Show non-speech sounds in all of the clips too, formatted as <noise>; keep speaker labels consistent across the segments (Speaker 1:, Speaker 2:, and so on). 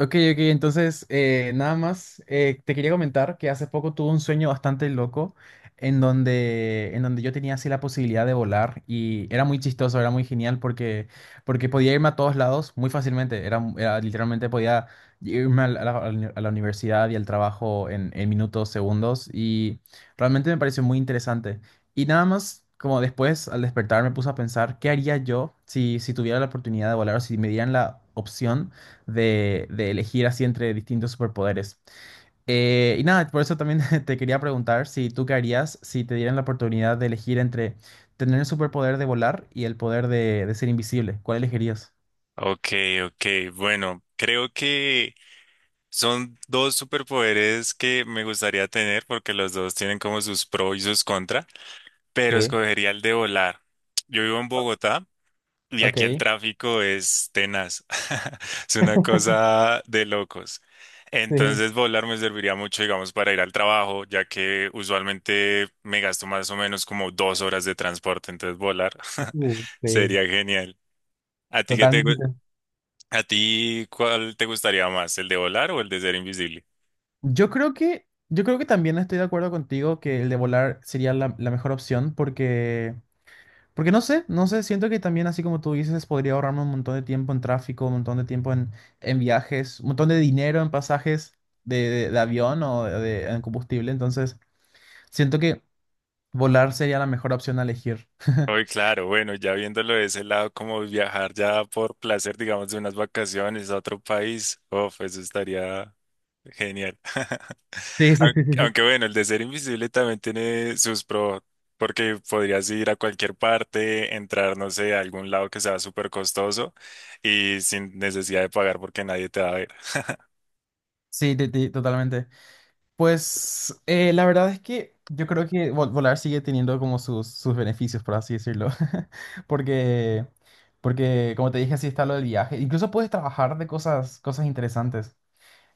Speaker 1: Ok, ok, entonces nada más te quería comentar que hace poco tuve un sueño bastante loco en donde yo tenía así la posibilidad de volar y era muy chistoso, era muy genial porque podía irme a todos lados muy fácilmente, era literalmente podía irme a la universidad y al trabajo en minutos, segundos y realmente me pareció muy interesante. Y nada más como después al despertar me puse a pensar, ¿qué haría yo si, si tuviera la oportunidad de volar o si me dieran la opción de elegir así entre distintos superpoderes? Y nada, por eso también <laughs> te quería preguntar si tú qué harías si te dieran la oportunidad de elegir entre tener el superpoder de volar y el poder de ser invisible. ¿Cuál elegirías?
Speaker 2: Ok, ok. Bueno, creo que son dos superpoderes que me gustaría tener porque los dos tienen como sus pros y sus contras, pero
Speaker 1: Sí.
Speaker 2: escogería el de volar. Yo vivo en Bogotá y
Speaker 1: Ok.
Speaker 2: aquí el tráfico es tenaz. <laughs> Es una
Speaker 1: <laughs>
Speaker 2: cosa de locos.
Speaker 1: Sí.
Speaker 2: Entonces volar me serviría mucho, digamos, para ir al trabajo, ya que usualmente me gasto más o menos como 2 horas de transporte, entonces volar <laughs>
Speaker 1: Sí,
Speaker 2: sería genial. ¿A ti qué te,
Speaker 1: totalmente.
Speaker 2: ¿A ti cuál te gustaría más, el de volar o el de ser invisible?
Speaker 1: Yo creo que también estoy de acuerdo contigo que el de volar sería la mejor opción. Porque Porque no sé, no sé, siento que también, así como tú dices, podría ahorrarme un montón de tiempo en tráfico, un montón de tiempo en viajes, un montón de dinero en pasajes de avión o en combustible. Entonces, siento que volar sería la mejor opción a elegir. <laughs>
Speaker 2: Hoy, claro, bueno, ya viéndolo de ese lado, como viajar ya por placer, digamos, de unas vacaciones a otro país, uf, eso estaría genial. <laughs>
Speaker 1: Sí, sí,
Speaker 2: Aunque
Speaker 1: sí, sí, sí.
Speaker 2: aunque bueno, el de ser invisible también tiene sus pros, porque podrías ir a cualquier parte, entrar, no sé, a algún lado que sea súper costoso y sin necesidad de pagar porque nadie te va a ver.
Speaker 1: Sí, totalmente. Pues la verdad es que yo creo que volar sigue teniendo como sus beneficios, por así decirlo. <laughs> Porque, porque, como te dije, así está lo del viaje. Incluso puedes trabajar de cosas interesantes.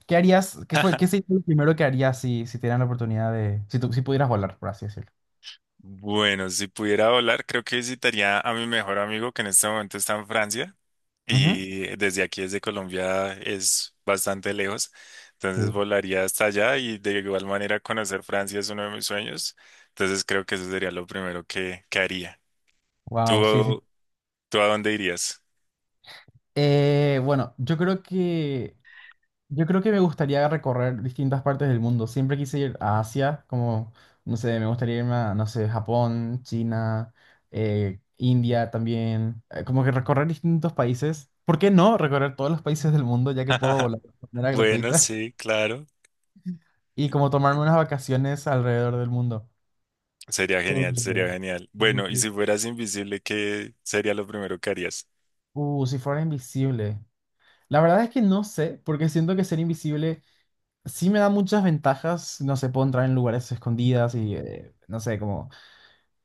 Speaker 1: ¿Qué harías? ¿Qué fue? ¿Qué
Speaker 2: <laughs>
Speaker 1: sería lo primero que harías si, si te dieran la oportunidad de, si tú, si pudieras volar, por así decirlo?
Speaker 2: Bueno, si pudiera volar, creo que visitaría a mi mejor amigo que en este momento está en Francia
Speaker 1: Ujú.
Speaker 2: y desde aquí, desde Colombia, es bastante lejos. Entonces
Speaker 1: Sí.
Speaker 2: volaría hasta allá y de igual manera conocer Francia es uno de mis sueños. Entonces creo que eso sería lo primero que haría.
Speaker 1: Wow, sí, sí.
Speaker 2: ¿Tú, tú a dónde irías?
Speaker 1: Bueno, yo creo que me gustaría recorrer distintas partes del mundo. Siempre quise ir a Asia, como, no sé, me gustaría irme a, no sé, Japón, China, India también. Como que recorrer distintos países. ¿Por qué no recorrer todos los países del mundo, ya que puedo
Speaker 2: <laughs>
Speaker 1: volar de manera
Speaker 2: Bueno,
Speaker 1: gratuita?
Speaker 2: sí,
Speaker 1: <laughs>
Speaker 2: claro.
Speaker 1: Y como tomarme unas vacaciones alrededor del mundo.
Speaker 2: Sería
Speaker 1: Eh,
Speaker 2: genial, sería genial.
Speaker 1: sí,
Speaker 2: Bueno, y
Speaker 1: sí.
Speaker 2: si fueras invisible, ¿qué sería lo primero que harías?
Speaker 1: Si fuera invisible, la verdad es que no sé, porque siento que ser invisible sí me da muchas ventajas. No sé, puedo entrar en lugares escondidas y no sé, como,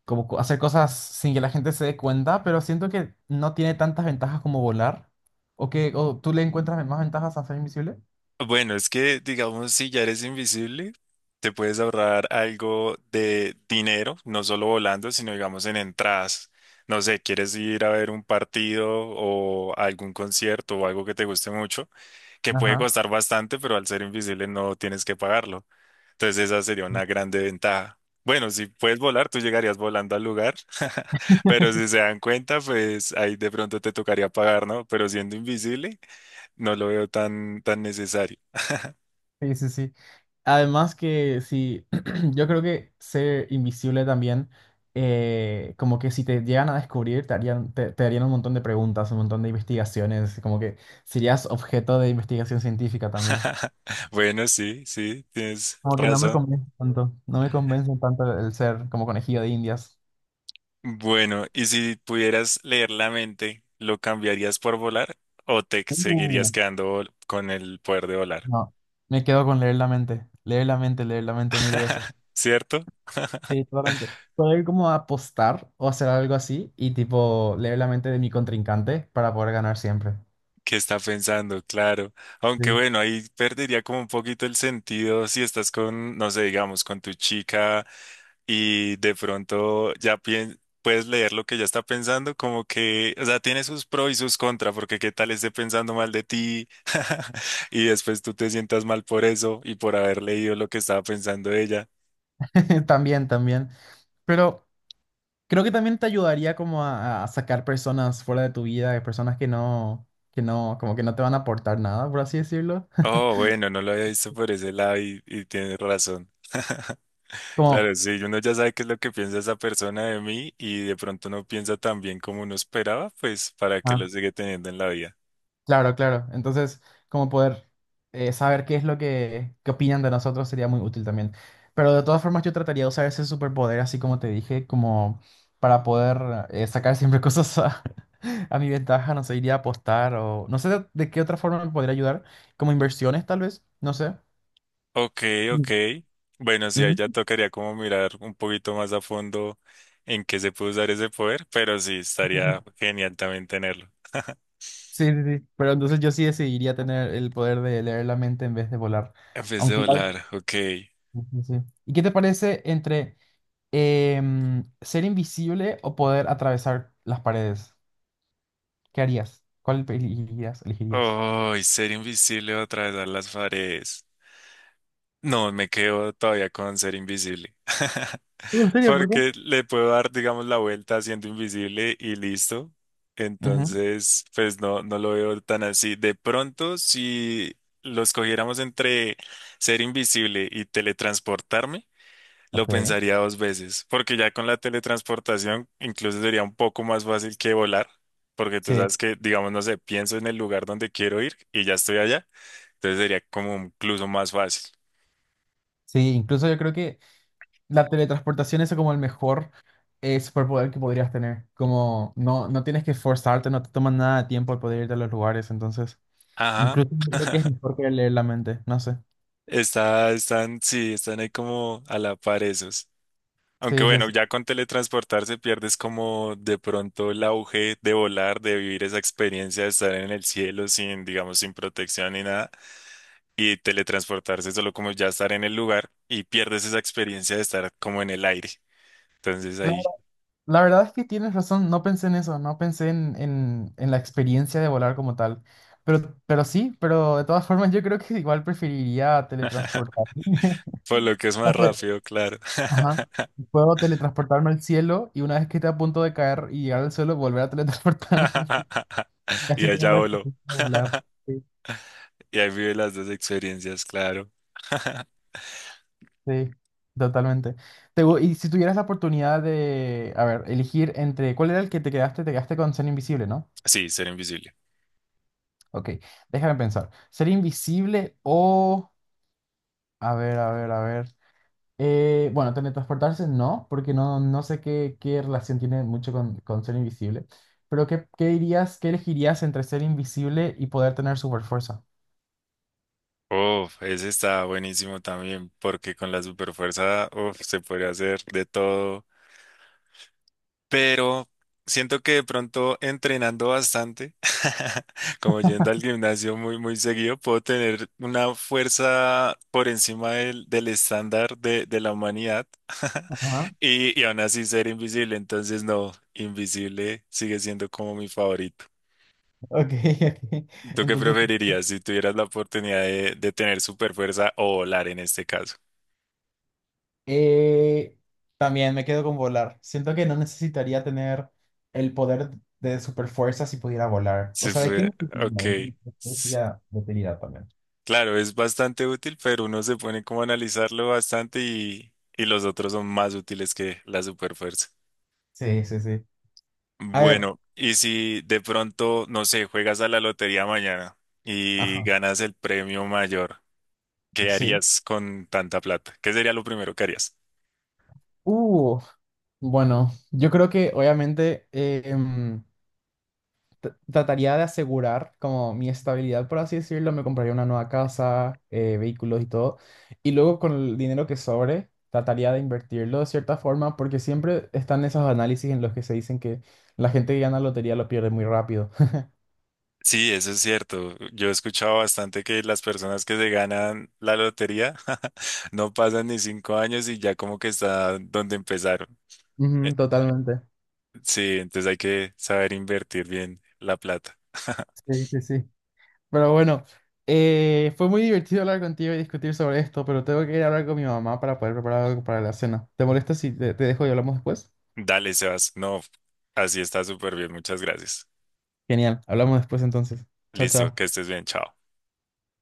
Speaker 1: hacer cosas sin que la gente se dé cuenta, pero siento que no tiene tantas ventajas como volar. ¿O que o tú le encuentras más ventajas a ser invisible?
Speaker 2: Bueno, es que, digamos, si ya eres invisible, te puedes ahorrar algo de dinero, no solo volando, sino, digamos, en entradas. No sé, quieres ir a ver un partido o algún concierto o algo que te guste mucho, que puede
Speaker 1: Ajá.
Speaker 2: costar bastante, pero al ser invisible no tienes que pagarlo. Entonces, esa sería una
Speaker 1: <laughs>
Speaker 2: grande ventaja. Bueno, si puedes volar, tú llegarías volando al lugar, <laughs> pero si se dan cuenta, pues ahí de pronto te tocaría pagar, ¿no? Pero siendo invisible, no lo veo tan, tan necesario.
Speaker 1: Sí, sí, sí. Además que sí, <clears throat> yo creo que ser invisible también, como que si te llegan a descubrir, te harían, te harían un montón de preguntas, un montón de investigaciones, como que serías objeto de investigación científica también.
Speaker 2: <laughs> Bueno, sí, sí, tienes
Speaker 1: Como que no me
Speaker 2: razón.
Speaker 1: convence tanto, no me convence tanto el ser como conejillo de Indias.
Speaker 2: Bueno, ¿y si pudieras leer la mente, lo cambiarías por volar o te
Speaker 1: Uh,
Speaker 2: seguirías quedando con el poder de volar?
Speaker 1: no, me quedo con leer la mente, leer la mente, leer la mente mil veces.
Speaker 2: <laughs> ¿Cierto? <laughs>
Speaker 1: Sí, totalmente. Poder como apostar o hacer algo así y tipo leer la mente de mi contrincante para poder ganar siempre.
Speaker 2: ¿Qué está pensando? Claro. Aunque
Speaker 1: Sí.
Speaker 2: bueno, ahí perdería como un poquito el sentido si estás con, no sé, digamos, con tu chica y de pronto ya puedes leer lo que ella está pensando, como que, o sea, tiene sus pros y sus contras, porque qué tal esté pensando mal de ti <laughs> y después tú te sientas mal por eso y por haber leído lo que estaba pensando ella.
Speaker 1: <laughs> También, también. Pero creo que también te ayudaría como a sacar personas fuera de tu vida, de personas que no, como que no te van a aportar nada, por así decirlo. <laughs>
Speaker 2: Oh, bueno, no lo había visto por ese lado y tienes razón. <laughs>
Speaker 1: Como,
Speaker 2: Claro, sí, uno ya sabe qué es lo que piensa esa persona de mí y de pronto no piensa tan bien como uno esperaba, pues para que lo sigue teniendo en la vida.
Speaker 1: claro, claro. Entonces, como poder saber qué es lo que, qué opinan de nosotros, sería muy útil también. Pero de todas formas, yo trataría de usar ese superpoder, así como te dije, como para poder sacar siempre cosas <laughs> a mi ventaja. No sé, iría a apostar o no sé de qué otra forma me podría ayudar. Como inversiones, tal vez. No sé.
Speaker 2: Ok, ok.
Speaker 1: Mm.
Speaker 2: Bueno, sí, ahí
Speaker 1: Ujú.
Speaker 2: ya tocaría como mirar un poquito más a fondo en qué se puede usar ese poder, pero sí,
Speaker 1: Ok.
Speaker 2: estaría genial también tenerlo.
Speaker 1: Sí, sí, sí. Pero entonces yo sí decidiría tener el poder de leer la mente en vez de volar.
Speaker 2: En vez de
Speaker 1: Aunque igual,
Speaker 2: volar, ok.
Speaker 1: sí, sí, sí. ¿Y qué te parece entre, ¿ser invisible o poder atravesar las paredes? ¿Qué harías? ¿Cuál elegirías? ¿Elegirías?
Speaker 2: Oh, y ser invisible o atravesar las paredes. No, me quedo todavía con ser invisible. <laughs>
Speaker 1: ¿En serio? ¿Por qué?
Speaker 2: Porque le puedo dar, digamos, la vuelta siendo invisible y listo.
Speaker 1: Ujú.
Speaker 2: Entonces, pues no, no lo veo tan así. De pronto, si los cogiéramos entre ser invisible y teletransportarme, lo
Speaker 1: Ok.
Speaker 2: pensaría dos veces. Porque ya con la teletransportación, incluso sería un poco más fácil que volar. Porque tú
Speaker 1: Sí,
Speaker 2: sabes que, digamos, no sé, pienso en el lugar donde quiero ir y ya estoy allá. Entonces sería como incluso más fácil.
Speaker 1: sí, incluso yo creo que la teletransportación es como el mejor superpoder que podrías tener. Como no, no tienes que forzarte, no te toma nada de tiempo el poder irte a los lugares, entonces
Speaker 2: Ajá.
Speaker 1: incluso yo creo que es mejor que leer la mente, no sé.
Speaker 2: Está, están, sí, están ahí como a la par esos. Aunque
Speaker 1: Sí, sí,
Speaker 2: bueno,
Speaker 1: sí.
Speaker 2: ya con teletransportarse pierdes como de pronto el auge de volar, de vivir esa experiencia de estar en el cielo sin, digamos, sin protección ni nada. Y teletransportarse solo como ya estar en el lugar y pierdes esa experiencia de estar como en el aire. Entonces ahí,
Speaker 1: La verdad es que tienes razón, no pensé en eso, no pensé en la experiencia de volar como tal. Pero sí, pero de todas formas yo creo que igual preferiría teletransportarme.
Speaker 2: por lo
Speaker 1: <laughs>
Speaker 2: que es
Speaker 1: No
Speaker 2: más
Speaker 1: sé,
Speaker 2: rápido, claro.
Speaker 1: ajá. Puedo teletransportarme al cielo y una vez que esté a punto de caer y llegar al suelo, volver a teletransportarme. <laughs> Y
Speaker 2: <laughs> Y
Speaker 1: así tengo
Speaker 2: allá
Speaker 1: la
Speaker 2: voló.
Speaker 1: experiencia de volar.
Speaker 2: <laughs>
Speaker 1: Sí,
Speaker 2: Y ahí vive las dos experiencias, claro. <laughs>
Speaker 1: sí, totalmente. Y si tuvieras la oportunidad de, a ver, elegir entre, ¿cuál era el que te quedaste? Te quedaste con ser invisible, ¿no?
Speaker 2: Sí, ser invisible.
Speaker 1: Ok, déjame pensar. ¿Ser invisible o... a ver, a ver, a ver. Bueno, teletransportarse no, porque no, no sé qué, qué relación tiene mucho con ser invisible. Pero ¿qué, qué dirías, qué elegirías entre ser invisible y poder tener super fuerza?
Speaker 2: Uf, ese está buenísimo también, porque con la superfuerza, uf, se podría hacer de todo. Pero siento que de pronto entrenando bastante, <laughs> como yendo al gimnasio muy, muy seguido, puedo tener una fuerza por encima del estándar de la humanidad
Speaker 1: Ajá.
Speaker 2: <laughs> y aún así ser invisible. Entonces, no, invisible sigue siendo como mi favorito.
Speaker 1: Ok, <laughs> ok.
Speaker 2: ¿Tú qué
Speaker 1: Entonces,
Speaker 2: preferirías si tuvieras la oportunidad de tener superfuerza o volar en este caso?
Speaker 1: eh, también me quedo con volar. Siento que no necesitaría tener el poder de superfuerza si pudiera volar. O
Speaker 2: Se
Speaker 1: sea, ¿de qué
Speaker 2: fue,
Speaker 1: me serviría?
Speaker 2: ok.
Speaker 1: ¿De qué me
Speaker 2: S-
Speaker 1: serviría de utilidad también?
Speaker 2: Claro, es bastante útil, pero uno se pone como a analizarlo bastante y los otros son más útiles que la superfuerza.
Speaker 1: Sí, sí, sí. A ver.
Speaker 2: Bueno, y si de pronto, no sé, juegas a la lotería mañana y
Speaker 1: Ajá,
Speaker 2: ganas el premio mayor, ¿qué
Speaker 1: sí.
Speaker 2: harías con tanta plata? ¿Qué sería lo primero que harías?
Speaker 1: Uh, bueno, yo creo que obviamente trataría de asegurar como mi estabilidad, por así decirlo. Me compraría una nueva casa, vehículos y todo. Y luego con el dinero que sobre, trataría de invertirlo de cierta forma, porque siempre están esos análisis en los que se dicen que la gente que gana lotería lo pierde muy rápido.
Speaker 2: Sí, eso es cierto. Yo he escuchado bastante que las personas que se ganan la lotería <laughs> no pasan ni 5 años y ya como que están donde empezaron.
Speaker 1: <laughs> Ujú, totalmente.
Speaker 2: Sí, entonces hay que saber invertir bien la plata. <laughs>
Speaker 1: Sí, sí, sí. Pero bueno, fue muy divertido hablar contigo y discutir sobre esto, pero tengo que ir a hablar con mi mamá para poder preparar algo para la cena. ¿Te molesta si te, te dejo y hablamos después?
Speaker 2: Dale, Sebas. No, así está súper bien. Muchas gracias.
Speaker 1: Genial, hablamos después entonces. Chao,
Speaker 2: Listo,
Speaker 1: chao.
Speaker 2: que estés bien. Chao.